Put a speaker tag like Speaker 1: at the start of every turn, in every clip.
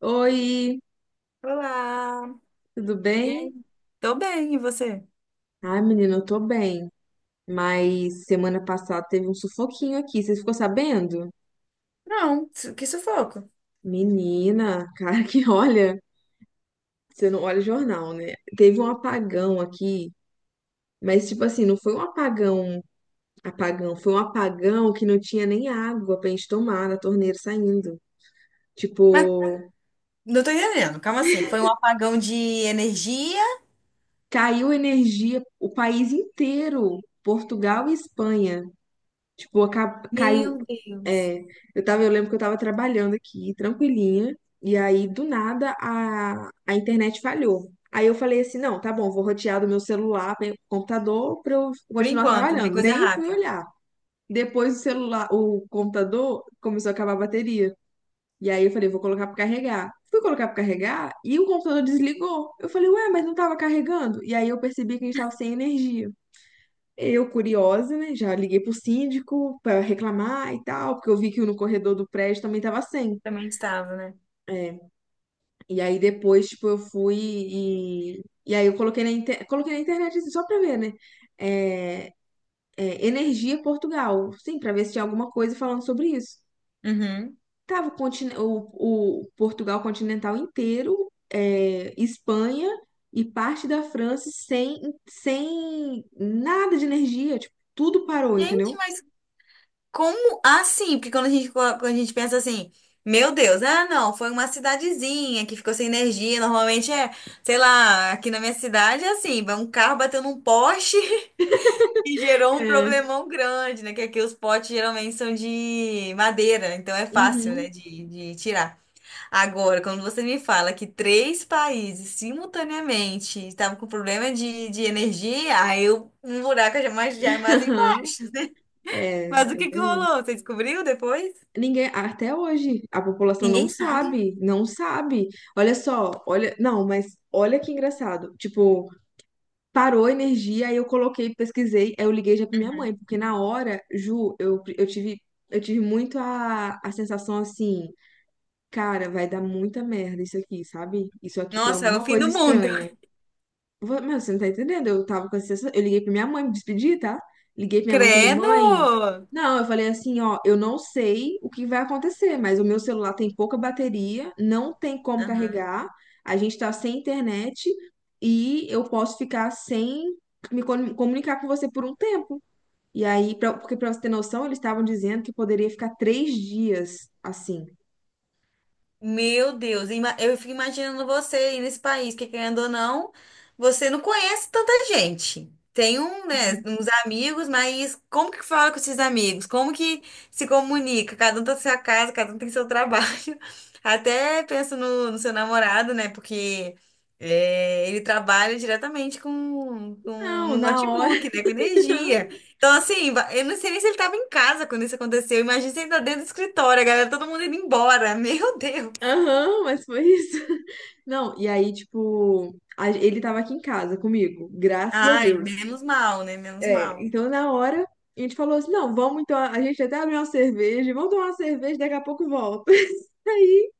Speaker 1: Oi,
Speaker 2: Olá!
Speaker 1: tudo
Speaker 2: E aí?
Speaker 1: bem?
Speaker 2: Tô bem, e você?
Speaker 1: Ai, menina, eu tô bem. Mas semana passada teve um sufoquinho aqui, você ficou sabendo?
Speaker 2: Não, que sufoco.
Speaker 1: Menina, cara que olha, você não olha o jornal, né? Teve um apagão aqui, mas tipo assim, não foi um apagão, apagão, foi um apagão que não tinha nem água pra gente tomar na torneira saindo.
Speaker 2: Mas
Speaker 1: Tipo,
Speaker 2: não tô entendendo. Calma assim, foi um apagão de energia.
Speaker 1: caiu energia o país inteiro, Portugal e Espanha. Tipo, caiu.
Speaker 2: Meu Deus.
Speaker 1: É, eu lembro que eu tava trabalhando aqui, tranquilinha, e aí do nada a internet falhou. Aí eu falei assim, não, tá bom, vou rotear do meu celular para computador para eu
Speaker 2: Por
Speaker 1: continuar
Speaker 2: enquanto, né?
Speaker 1: trabalhando.
Speaker 2: Coisa
Speaker 1: Nem fui
Speaker 2: rápida.
Speaker 1: olhar. Depois o celular, o computador começou a acabar a bateria. E aí eu falei, vou colocar para carregar. Fui colocar para carregar e o computador desligou. Eu falei, ué, mas não tava carregando? E aí eu percebi que a gente tava sem energia. Eu, curiosa, né? Já liguei pro síndico para reclamar e tal, porque eu vi que no corredor do prédio também tava sem.
Speaker 2: Também estava, né?
Speaker 1: É. E aí depois, tipo, eu fui e. E aí eu coloquei na, inter... coloquei na internet assim, só pra ver, né? É... Energia Portugal. Sim, pra ver se tinha alguma coisa falando sobre isso.
Speaker 2: Uhum.
Speaker 1: Tava o Portugal continental inteiro, Espanha e parte da França sem nada de energia. Tipo, tudo parou,
Speaker 2: Gente,
Speaker 1: entendeu?
Speaker 2: mas como assim? Porque quando a gente, quando a gente pensa assim, meu Deus, ah, não, foi uma cidadezinha que ficou sem energia. Normalmente é, sei lá, aqui na minha cidade é assim, vai um carro bateu num poste. E gerou um problemão grande, né? Que aqui os potes geralmente são de madeira, então é fácil, né,
Speaker 1: Uhum.
Speaker 2: de tirar. Agora, quando você me fala que três países simultaneamente estavam com problema de energia, aí eu, um buraco já mais, já é mais
Speaker 1: Aham.
Speaker 2: embaixo, né?
Speaker 1: É, é
Speaker 2: Mas o que que
Speaker 1: verdade.
Speaker 2: rolou? Você descobriu depois?
Speaker 1: Ninguém, até hoje, a população não
Speaker 2: Ninguém sabe.
Speaker 1: sabe, não sabe. Olha só, olha, não, mas olha que engraçado. Tipo, parou a energia, aí eu coloquei, pesquisei, aí eu liguei já pra minha mãe, porque na hora, Ju, eu tive muito a sensação assim, cara, vai dar muita merda isso aqui, sabe? Isso aqui tem
Speaker 2: Nossa, é o
Speaker 1: alguma
Speaker 2: fim
Speaker 1: coisa
Speaker 2: do mundo.
Speaker 1: estranha. Meu, você não tá entendendo? Eu tava com essa sensação. Eu liguei pra minha mãe, me despedi, tá? Liguei pra minha mãe e falei, mãe.
Speaker 2: Credo!
Speaker 1: Não, eu falei assim, ó, eu não sei o que vai acontecer, mas o meu celular tem pouca bateria, não tem como carregar, a gente tá sem internet e eu posso ficar sem me comunicar com você por um tempo. E aí, porque pra você ter noção, eles estavam dizendo que poderia ficar 3 dias assim.
Speaker 2: Meu Deus, eu fico imaginando você aí nesse país, que querendo ou não, você não conhece tanta gente. Tem um, né, uns amigos, mas como que fala com esses amigos? Como que se comunica? Cada um tem sua casa, cada um tem seu trabalho. Até penso no seu namorado, né? Porque ele trabalha diretamente com
Speaker 1: Não,
Speaker 2: um
Speaker 1: na hora.
Speaker 2: notebook, né? Com energia. Então, assim, eu não sei nem se ele estava em casa quando isso aconteceu. Imagina se ele tá dentro do escritório, a galera, todo mundo indo embora. Meu Deus!
Speaker 1: Aham, mas foi isso. Não, e aí, tipo, ele tava aqui em casa comigo, graças a
Speaker 2: Ai,
Speaker 1: Deus.
Speaker 2: menos mal, né? Menos
Speaker 1: É,
Speaker 2: mal.
Speaker 1: então na hora a gente falou assim: não, vamos então, a gente até abriu uma cerveja, vamos tomar uma cerveja, daqui a pouco volta. Aí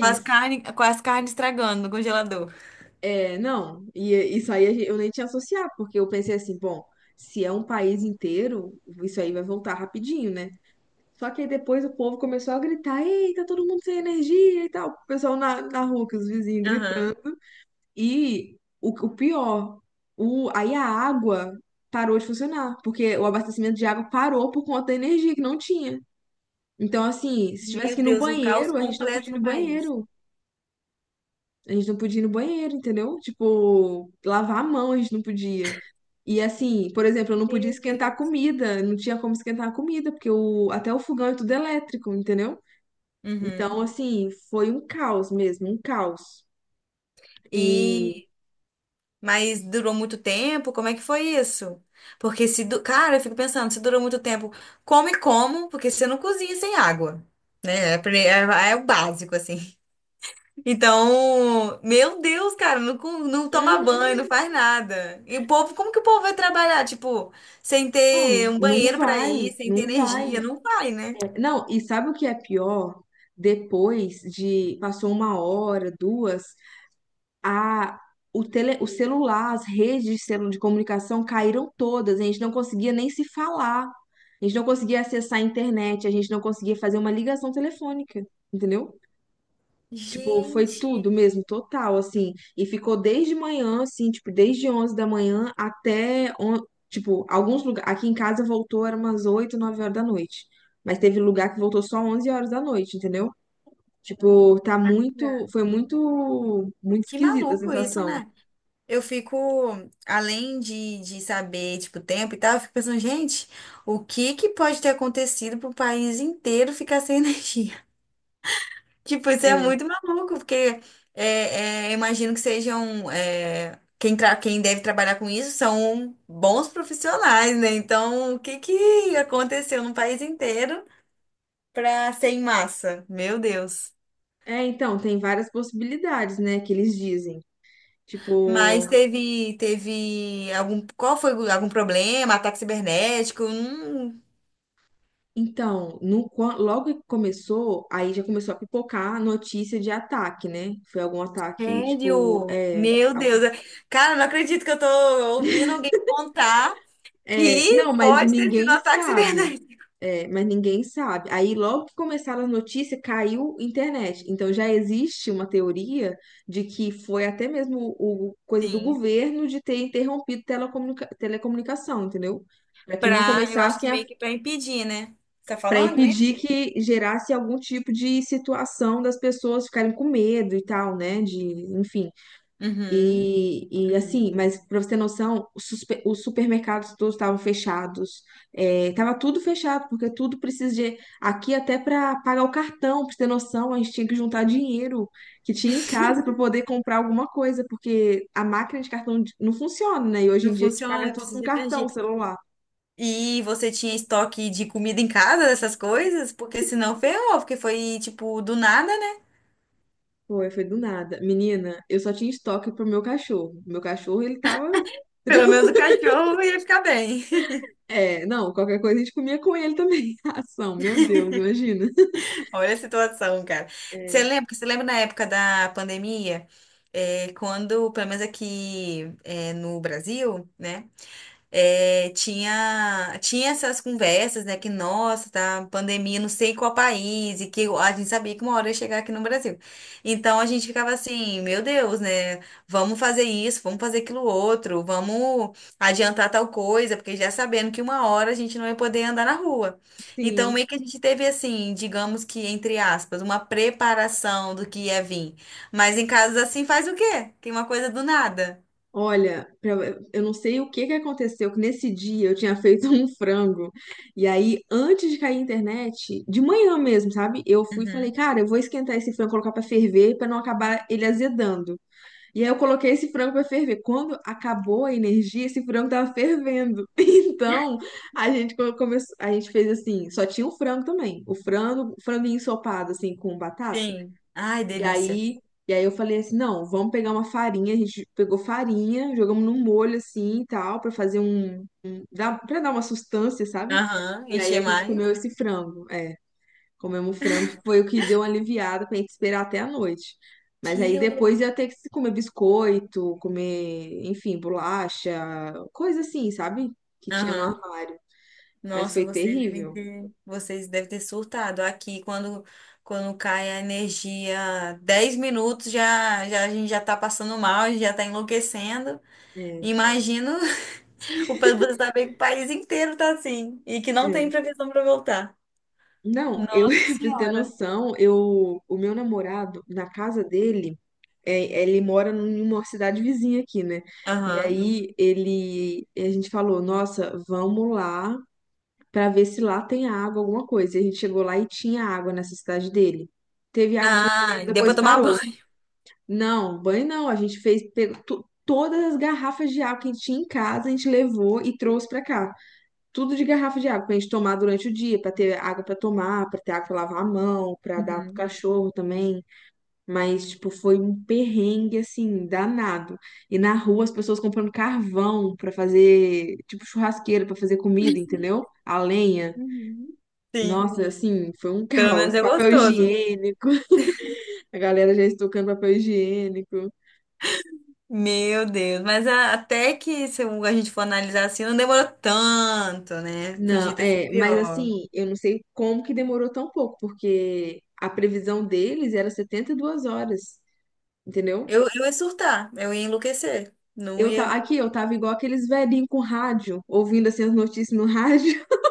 Speaker 2: Com as carnes, com as carnes estragando no congelador.
Speaker 1: não, e isso aí eu nem tinha associado, porque eu pensei assim: bom, se é um país inteiro, isso aí vai voltar rapidinho, né? Só que aí depois o povo começou a gritar: ei, tá todo mundo sem energia e tal. O pessoal na rua, que os vizinhos gritando.
Speaker 2: Aham.
Speaker 1: E o pior, aí a água parou de funcionar, porque o abastecimento de água parou por conta da energia que não tinha. Então, assim, se tivesse
Speaker 2: Meu
Speaker 1: que ir no
Speaker 2: Deus, um caos
Speaker 1: banheiro, a gente não
Speaker 2: completo
Speaker 1: podia ir
Speaker 2: no
Speaker 1: no
Speaker 2: país.
Speaker 1: banheiro. A gente não podia ir no banheiro, entendeu? Tipo, lavar a mão a gente não podia. E assim, por exemplo, eu não podia
Speaker 2: Meu
Speaker 1: esquentar a
Speaker 2: Deus.
Speaker 1: comida, não tinha como esquentar a comida, porque até o fogão é tudo elétrico, entendeu? Então,
Speaker 2: Uhum.
Speaker 1: assim, foi um caos mesmo, um caos. E.
Speaker 2: E mas durou muito tempo? Como é que foi isso? Porque se, du- cara, eu fico pensando, se durou muito tempo, come como? Porque você não cozinha sem água, né? É, é o básico assim. Então, meu Deus, cara, não, não toma
Speaker 1: uhum.
Speaker 2: banho, não faz nada. E o povo, como que o povo vai trabalhar? Tipo, sem
Speaker 1: Não,
Speaker 2: ter um
Speaker 1: não
Speaker 2: banheiro pra
Speaker 1: vai,
Speaker 2: ir, sem ter
Speaker 1: não vai.
Speaker 2: energia, não vai, né?
Speaker 1: Não, e sabe o que é pior? Depois de passou uma hora, duas, a o celular, as redes de de comunicação caíram todas. A gente não conseguia nem se falar. A gente não conseguia acessar a internet, a gente não conseguia fazer uma ligação telefônica, entendeu? Tipo, foi tudo
Speaker 2: Gente,
Speaker 1: mesmo, total, assim. E ficou desde manhã, assim, tipo, desde 11 da manhã até, tipo, alguns lugares. Aqui em casa voltou, era umas 8 9 horas da noite. Mas teve lugar que voltou só 11 horas da noite, entendeu? Tipo, tá muito. Foi muito. Muito
Speaker 2: que
Speaker 1: esquisita a
Speaker 2: maluco isso,
Speaker 1: sensação.
Speaker 2: né? Eu fico, além de saber, tipo, o tempo e tal, eu fico pensando, gente, o que que pode ter acontecido pro país inteiro ficar sem energia? Tipo, isso é
Speaker 1: É,
Speaker 2: muito maluco, porque é, imagino que sejam. Quem, quem deve trabalhar com isso são bons profissionais, né? Então, o que que aconteceu no país inteiro para ser em massa? Meu Deus.
Speaker 1: então, tem várias possibilidades, né, que eles dizem. Tipo,
Speaker 2: Mas teve algum. Qual foi algum problema? Ataque cibernético?
Speaker 1: então, no logo que começou, aí já começou a pipocar a notícia de ataque, né? Foi algum ataque, tipo,
Speaker 2: Sério? Meu Deus. Cara, não acredito que eu tô ouvindo alguém contar que
Speaker 1: não, mas
Speaker 2: pode ter sido um
Speaker 1: ninguém
Speaker 2: ataque
Speaker 1: sabe.
Speaker 2: cibernético.
Speaker 1: É, mas ninguém sabe. Aí logo que começaram a notícia, caiu internet. Então já existe uma teoria de que foi até mesmo o coisa do
Speaker 2: Sim.
Speaker 1: governo de ter interrompido telecomunicação, entendeu? Para que não
Speaker 2: Eu acho que
Speaker 1: começassem,
Speaker 2: meio que pra impedir, né? Você tá
Speaker 1: para
Speaker 2: falando
Speaker 1: impedir
Speaker 2: isso?
Speaker 1: que gerasse algum tipo de situação das pessoas ficarem com medo e tal, né? De, enfim.
Speaker 2: Uhum,
Speaker 1: E
Speaker 2: uhum.
Speaker 1: assim, mas para você ter noção, os supermercados todos estavam fechados, tava tudo fechado, porque tudo precisa de. Aqui, até para pagar o cartão, para você ter noção, a gente tinha que juntar dinheiro que tinha em casa para poder comprar alguma coisa, porque a máquina de cartão não funciona, né? E hoje
Speaker 2: Não
Speaker 1: em dia a gente paga
Speaker 2: funciona,
Speaker 1: tudo
Speaker 2: precisa
Speaker 1: com
Speaker 2: de energia.
Speaker 1: cartão, celular.
Speaker 2: E você tinha estoque de comida em casa, dessas coisas? Porque senão ferrou, porque foi, tipo, do nada, né?
Speaker 1: Foi do nada. Menina, eu só tinha estoque pro meu cachorro. Meu cachorro, ele tava.
Speaker 2: Pelo menos o cachorro ia ficar bem.
Speaker 1: É, não, qualquer coisa a gente comia com ele também. Ação, meu Deus, imagina.
Speaker 2: Olha a situação, cara. Você lembra na época da pandemia, quando, pelo menos aqui, no Brasil, né? Tinha essas conversas, né? Que, nossa, tá pandemia, não sei qual país, e que a gente sabia que uma hora ia chegar aqui no Brasil. Então a gente ficava assim, meu Deus, né? Vamos fazer isso, vamos fazer aquilo outro, vamos adiantar tal coisa, porque já sabendo que uma hora a gente não ia poder andar na rua. Então,
Speaker 1: Sim.
Speaker 2: meio que a gente teve assim, digamos que, entre aspas, uma preparação do que ia vir. Mas em casos assim faz o quê? Tem uma coisa do nada.
Speaker 1: Olha, eu não sei o que que aconteceu, que nesse dia eu tinha feito um frango. E aí, antes de cair a internet, de manhã mesmo, sabe? Eu fui e falei,
Speaker 2: Uhum.
Speaker 1: cara, eu vou esquentar esse frango, colocar pra ferver, pra não acabar ele azedando. E aí eu coloquei esse frango para ferver. Quando acabou a energia, esse frango tava fervendo. Então, a gente fez assim, só tinha o frango também. O frango, franguinho ensopado assim com batata.
Speaker 2: Sim. Ai,
Speaker 1: E
Speaker 2: delícia.
Speaker 1: aí, e aí eu falei assim, não, vamos pegar uma farinha, a gente pegou farinha, jogamos num molho assim e tal, para fazer um, para dar uma sustância, sabe?
Speaker 2: Aham,
Speaker 1: E aí a
Speaker 2: encher
Speaker 1: gente
Speaker 2: mais.
Speaker 1: comeu esse frango. Comemos frango, que foi o que deu uma aliviada pra gente esperar até a noite. Mas aí
Speaker 2: Quilo.
Speaker 1: depois ia ter que comer biscoito, comer, enfim, bolacha, coisa assim, sabe? Que tinha no
Speaker 2: Aham.
Speaker 1: armário. Mas
Speaker 2: Nossa,
Speaker 1: foi
Speaker 2: vocês devem
Speaker 1: terrível.
Speaker 2: ter, vocês devem ter surtado. Aqui, quando cai a energia, 10 minutos já, já a gente já tá passando mal, a gente já tá enlouquecendo.
Speaker 1: É,
Speaker 2: Imagino o povo saber que o país inteiro tá assim e que não tem
Speaker 1: é.
Speaker 2: previsão para voltar.
Speaker 1: Não, eu,
Speaker 2: Nossa
Speaker 1: pra você ter
Speaker 2: Senhora.
Speaker 1: noção, o meu namorado, na casa dele, ele mora numa cidade vizinha aqui, né? E
Speaker 2: Aham.
Speaker 1: aí a gente falou, nossa, vamos lá para ver se lá tem água, alguma coisa. E a gente chegou lá e tinha água nessa cidade dele. Teve água por um
Speaker 2: Ah,
Speaker 1: tempo,
Speaker 2: deu pra
Speaker 1: depois
Speaker 2: tomar
Speaker 1: parou.
Speaker 2: banho.
Speaker 1: Não, banho não. A gente fez, pegou todas as garrafas de água que a gente tinha em casa, a gente levou e trouxe para cá. Tudo de garrafa de água para a gente tomar durante o dia, para ter água para tomar, para ter água para lavar a mão, para dar pro
Speaker 2: Uhum.
Speaker 1: cachorro também. Mas, tipo, foi um perrengue, assim, danado. E na rua as pessoas comprando carvão para fazer, tipo, churrasqueira para fazer comida, entendeu? A lenha.
Speaker 2: Uhum. Sim,
Speaker 1: Nossa, assim, foi um
Speaker 2: pelo menos
Speaker 1: caos.
Speaker 2: é
Speaker 1: Papel
Speaker 2: gostoso.
Speaker 1: higiênico, a galera já estocando papel higiênico.
Speaker 2: Meu Deus, mas até que se um, a gente for analisar assim, não demorou tanto, né? Podia
Speaker 1: Não,
Speaker 2: ter sido
Speaker 1: mas
Speaker 2: pior.
Speaker 1: assim, eu não sei como que demorou tão pouco, porque a previsão deles era 72 horas, entendeu?
Speaker 2: Eu ia surtar, eu ia enlouquecer. Não
Speaker 1: Eu tá,
Speaker 2: ia.
Speaker 1: aqui eu tava igual aqueles velhinhos com rádio, ouvindo assim as notícias no rádio.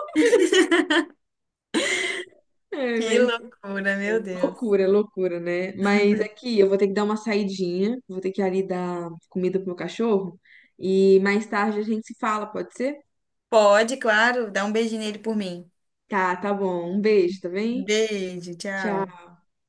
Speaker 1: É,
Speaker 2: Que
Speaker 1: mas
Speaker 2: loucura, meu Deus.
Speaker 1: loucura, loucura, né? Mas aqui eu vou ter que dar uma saidinha, vou ter que ali dar comida pro meu cachorro e mais tarde a gente se fala, pode ser?
Speaker 2: Pode, claro, dá um beijinho nele por mim.
Speaker 1: Tá, tá bom. Um beijo, tá bem?
Speaker 2: Beijo, tchau.
Speaker 1: Tchau.